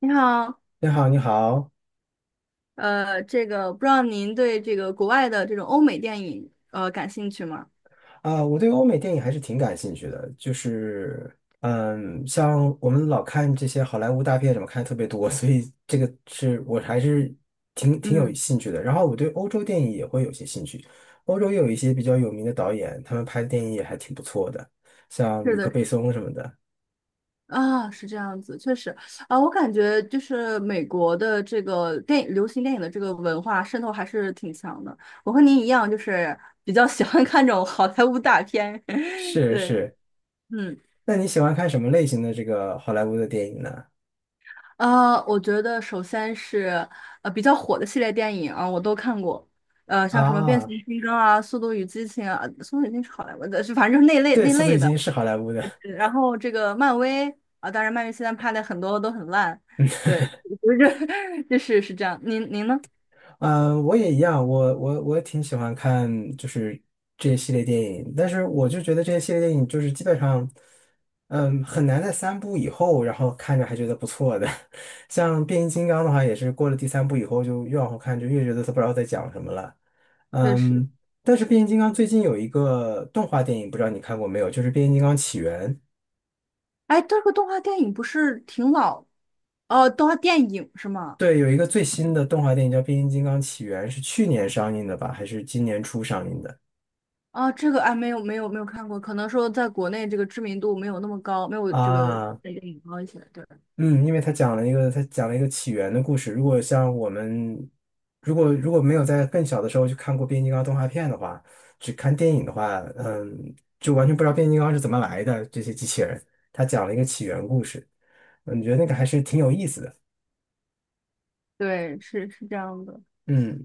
你好，你好，你好，这个不知道您对这个国外的这种欧美电影感兴趣吗？啊，我对欧美电影还是挺感兴趣的，就是，像我们老看这些好莱坞大片，什么看得特别多，所以这个是我还是挺有嗯，兴趣的。然后我对欧洲电影也会有些兴趣，欧洲也有一些比较有名的导演，他们拍的电影也还挺不错的，像是吕克的。贝松什么的。啊，是这样子，确实。啊，我感觉就是美国的这个电影、流行电影的这个文化渗透还是挺强的。我和您一样，就是比较喜欢看这种好莱坞大片。是对，是，嗯。那你喜欢看什么类型的这个好莱坞的电影呢？我觉得首先是比较火的系列电影啊，我都看过。像什么《变形啊，金刚》啊，《速度与激情》啊，《速度与激情》是好莱坞的，是反正就是那类对，那《速度类与激的。情》是好莱坞的。对，然后这个漫威啊，当然漫威现在拍的很多都很烂。对，不是，就是是这样。您呢？嗯，我也一样，我也挺喜欢看就是这些系列电影，但是我就觉得这些系列电影就是基本上，很难在三部以后，然后看着还觉得不错的。像变形金刚的话，也是过了第三部以后，就越往后看就越觉得它不知道在讲什么了。对，是。嗯，但是变形金刚最近有一个动画电影，不知道你看过没有？就是《变形金刚起源》。哎，这个动画电影不是挺老？哦，动画电影是吗？对，有一个最新的动画电影叫《变形金刚起源》，是去年上映的吧？还是今年初上映的？啊，这个哎，没有看过，可能说在国内这个知名度没有那么高，没有这个啊，电影高一些。对。嗯，因为他讲了一个起源的故事。如果像我们，如果没有在更小的时候去看过变形金刚动画片的话，只看电影的话，就完全不知道变形金刚是怎么来的这些机器人。他讲了一个起源故事，你觉得那个还是挺有意思的。对，是是这样的。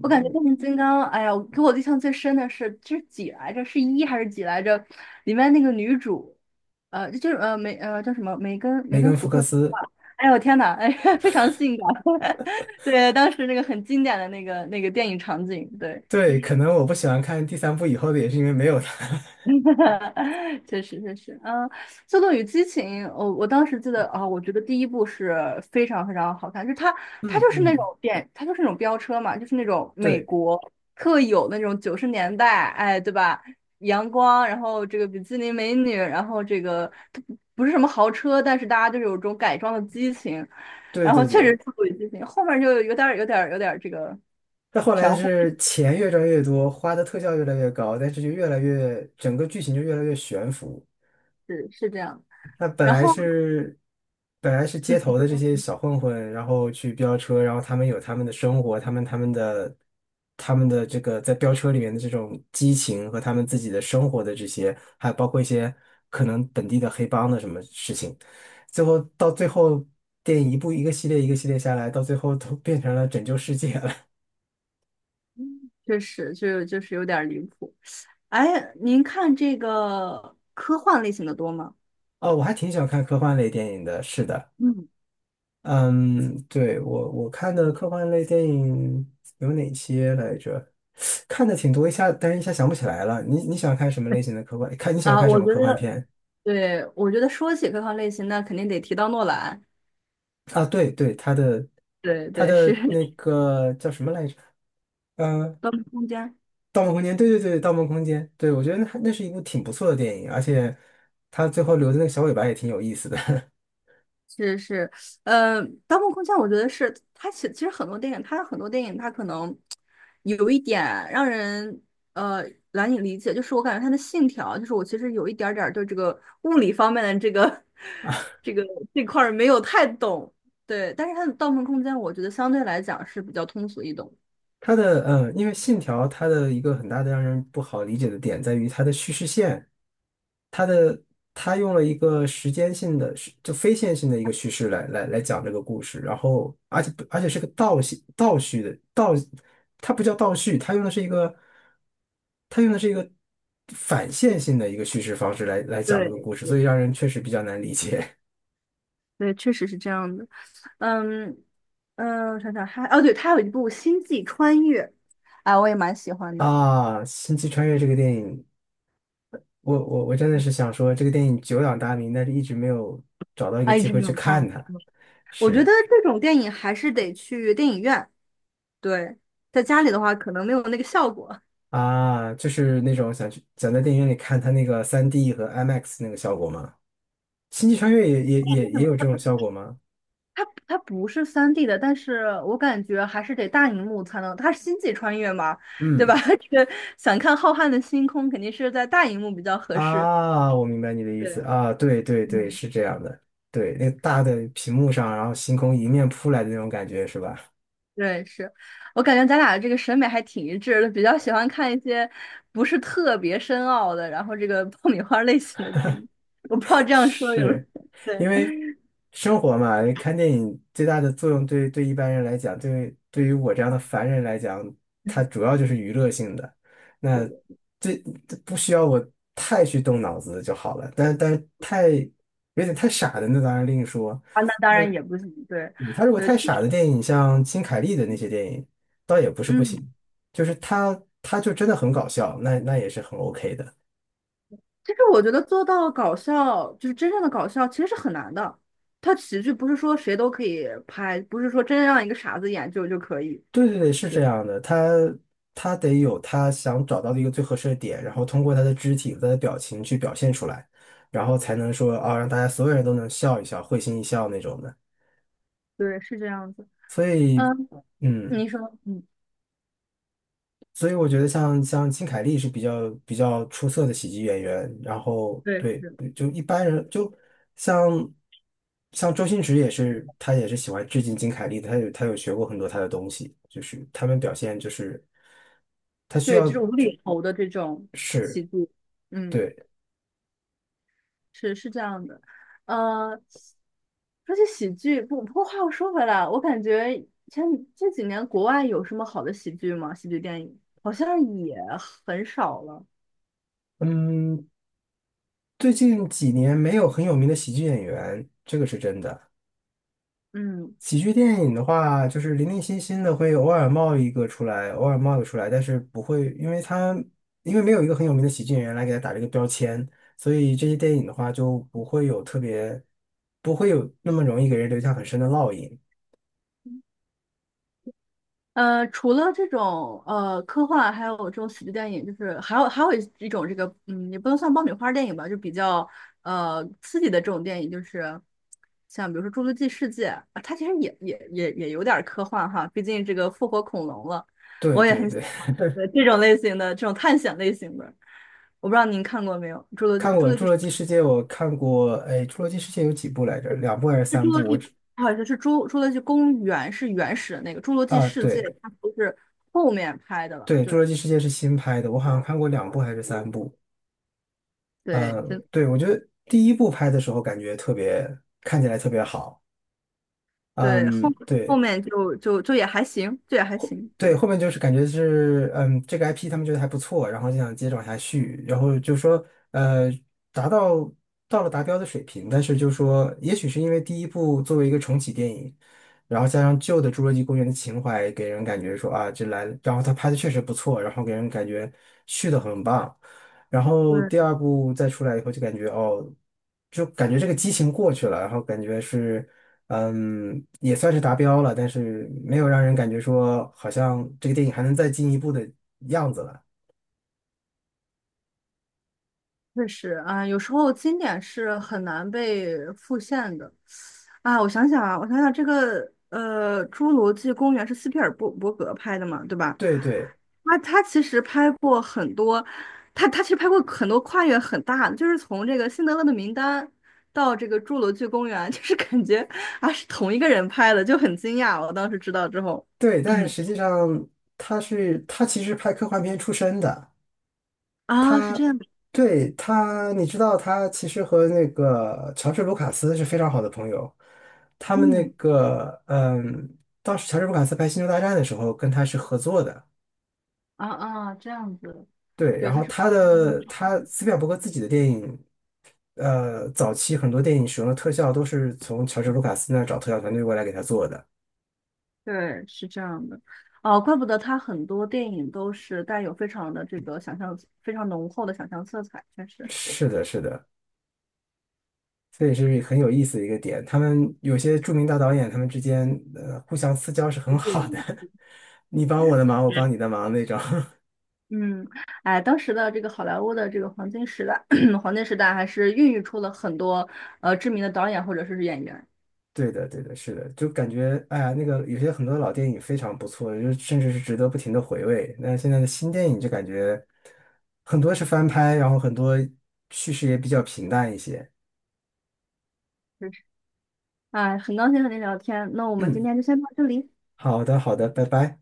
我感觉变形金刚，哎呀，我给我印象最深的是，这是几来着？是一还是几来着？里面那个女主，呃，就是呃梅呃叫什么梅根梅根福福克克斯吧？斯，哎呦我天呐，哎，非常性感。对，当时那个很经典的那个电影场景，对。对，可能我不喜欢看第三部以后的，也是因为没有他。确实，嗯，《速度与激情》，我当时记得啊、我觉得第一部是非常非常好看，就是它 它嗯就是那嗯，种电，它就是那种飙车嘛，就是那种美对国特有那种九十年代，哎，对吧？阳光，然后这个比基尼美女，然后这个它不是什么豪车，但是大家就是有这种改装的激情，对然后对确对。实《速度与激情》后面就有点儿这个但后来的玄乎，是钱越赚越多，花的特效越来越高，但是就越来越，整个剧情就越来越悬浮。是是这样，那本然来后是本来是街嗯。你头的这说些小混混，然后去飙车，然后他们有他们的生活，他们的这个在飙车里面的这种激情和他们自己的生活的这些，还有包括一些可能本地的黑帮的什么事情，到最后电影一部一个系列一个系列下来，到最后都变成了拯救世界了。确实，就就是有点儿离谱。哎，您看这个科幻类型的多吗？哦，我还挺喜欢看科幻类电影的，是的，嗯，嗯，对，我看的科幻类电影有哪些来着？看的挺多，一下，但是一下想不起来了。你喜欢看什么类型的科幻？看你喜欢啊，看什我么觉科幻得，片对，我觉得说起科幻类型，那肯定得提到诺兰。啊？对对，他的对他对，是的那个叫什么来着？呃，《<laughs> 盗梦空间》。《盗梦空间》，对对对，《盗梦空间》，对，我觉得那是一部挺不错的电影，而且他最后留的那个小尾巴也挺有意思的。是是，盗梦空间》我觉得是它其实很多电影，它很多电影它可能有一点让人呃难以理解，就是我感觉它的信条，就是我其实有一点儿对这个物理方面的这个 这个这块儿没有太懂，对，但是它的《盗梦空间》我觉得相对来讲是比较通俗易懂。它的嗯，因为《信条》它的一个很大的让人不好理解的点在于它的叙事线，它的它用了一个时间性的是就非线性的一个叙事来讲这个故事，然后而且是个倒叙的倒，它不叫倒叙，它用的是一个反线性的一个叙事方式来讲这个对故事，所以对，让人确实比较难理解。 对，确实是这样的。嗯，嗯，我想想还哦，对，它有一部《星际穿越》，啊，我也蛮喜 欢的。啊。《星际穿越》这个电影。我真的是想说，这个电影久仰大名，但是一直没有找到一个啊，一机直会没去有看。看它。我觉得是这种电影还是得去电影院，对，在家里的话可能没有那个效果。啊，就是那种想去想在电影院里看它那个3D 和 IMAX 那个效果吗？星际穿越也也 为也什也有么？这种效果吗？它不是三 d 的，但是我感觉还是得大荧幕才能，它是星际穿越嘛，对吧？嗯 这个想看浩瀚的星空，肯定是在大荧幕比较合适。啊，我明白你的意思对，啊，对对对，嗯，是这样的，对，那个大的屏幕上，然后星空迎面扑来的那种感觉是吧？对，是，我感觉咱俩这个审美还挺一致的，比较喜欢看一些不是特别深奥的，然后这个爆米花类型的电影。我不知道这样说有没有是因对。为生活嘛，看电影最大的作用对一般人来讲，对于我这样的凡人来讲，它 主要就是娱乐性的，那这这不需要我太去动脑子就好了。但太有点太傻的，那当然另说。啊，那当那然也不行，对，对他如果对，太傻的电影，像金凯利的那些电影，倒也不是不行，嗯，就是他就真的很搞笑，那也是很 OK 的。其实我觉得做到搞笑，就是真正的搞笑，其实是很难的。它喜剧不是说谁都可以拍，不是说真让一个傻子演就可以。对对对，是对，这样的，他得有他想找到的一个最合适的点，然后通过他的肢体和他的表情去表现出来，然后才能说啊，让大家所有人都能笑一笑，会心一笑那种的。对，是这样子。所以，嗯，嗯，你说，嗯，所以我觉得像金凯利是比较出色的喜剧演员，然后对，对，是，就一般人就像像周星驰也是，他也是喜欢致敬金凯利的，他有学过很多他的东西，就是他们表现就是。他需对，这要，种无厘头的这种喜是，剧，嗯。对，是是这样的，呃，说起喜剧，不过话又说回来，我感觉前这几年国外有什么好的喜剧吗？喜剧电影好像也很少了。嗯，最近几年没有很有名的喜剧演员，这个是真的。嗯，喜剧电影的话，就是零零星星的会偶尔冒一个出来，偶尔冒一个出来，但是不会，因为没有一个很有名的喜剧演员来给他打这个标签，所以这些电影的话就不会有特别，不会有那么容易给人留下很深的烙印。除了这种科幻，还有这种喜剧电影，就是还有一种这个，嗯，也不能算爆米花电影吧，就比较刺激的这种电影，就是像比如说《侏罗纪世界》啊，它其实也有点儿科幻哈，毕竟这个复活恐龙了，对我也对很喜对，欢 对这种类型的这种探险类型的，我不知道您看过没有，《侏罗纪》看《侏过罗《侏纪》罗纪世界》，我看过，哎，《侏罗纪世界》有几部来着？两部还是是三《侏罗部？我纪》，只不好意思，是侏《侏罗纪公园》是原始的那个，《侏罗纪啊，世界》对。它不是后面拍的了，对，《侏对。罗纪世界》是新拍的，我好像看过两部还是三部。嗯，对，真对，我觉得第一部拍的时候感觉特别，看起来特别好。对，后嗯，后对，面就就也还行，就也还行。对，对后面就是感觉是，这个 IP 他们觉得还不错，然后就想接着往下续，然后就说，呃，达到到了达标的水平，但是就说，也许是因为第一部作为一个重启电影，然后加上旧的《侏罗纪公园》的情怀，给人感觉说啊，这来了然后他拍的确实不错，然后给人感觉续的很棒，然后第对，二部再出来以后，就感觉哦，就感觉这个激情过去了，然后感觉是。也算是达标了，但是没有让人感觉说好像这个电影还能再进一步的样子了。确实啊，有时候经典是很难被复现的。啊，我想想啊，我想想，这个侏罗纪公园》是斯皮尔伯格拍的嘛，对吧？对对他他其实拍过很多，他他其实拍过很多跨越很大的，就是从这个《辛德勒的名单》到这个《侏罗纪公园》，就是感觉啊是同一个人拍的，就很惊讶。我当时知道之后，对，但实际 上他是他其实拍科幻片出身的，啊是这他样的，对他，你知道他其实和那个乔治卢卡斯是非常好的朋友，他们那嗯。个当时乔治卢卡斯拍《星球大战》的时候跟他是合作的。啊啊，这样子，对，对，然后它是他斯皮尔伯格自己的电影早期很多电影使用的特效都是从乔治·卢卡斯那儿找特效团队过来给他做的。对，是这样的，哦，怪不得他很多电影都是带有非常的这个想象，非常浓厚的想象色彩，确实。是的，是的，这也是很有意思的一个点。他们有些著名大导演，他们之间互相私交是很好的，对，你帮我的嗯，忙，我帮你的忙那种。嗯，哎，当时的这个好莱坞的这个黄金时代，黄金时代还是孕育出了很多知名的导演或者是演员。对的，对的，是的，就感觉哎呀，那个有些很多老电影非常不错，就甚至是值得不停的回味。那现在的新电影就感觉很多是翻拍，然后很多叙事也比较平淡一些。是，哎，很高兴和您聊天，那我们今嗯，天就先到这里。好的，好的，拜拜。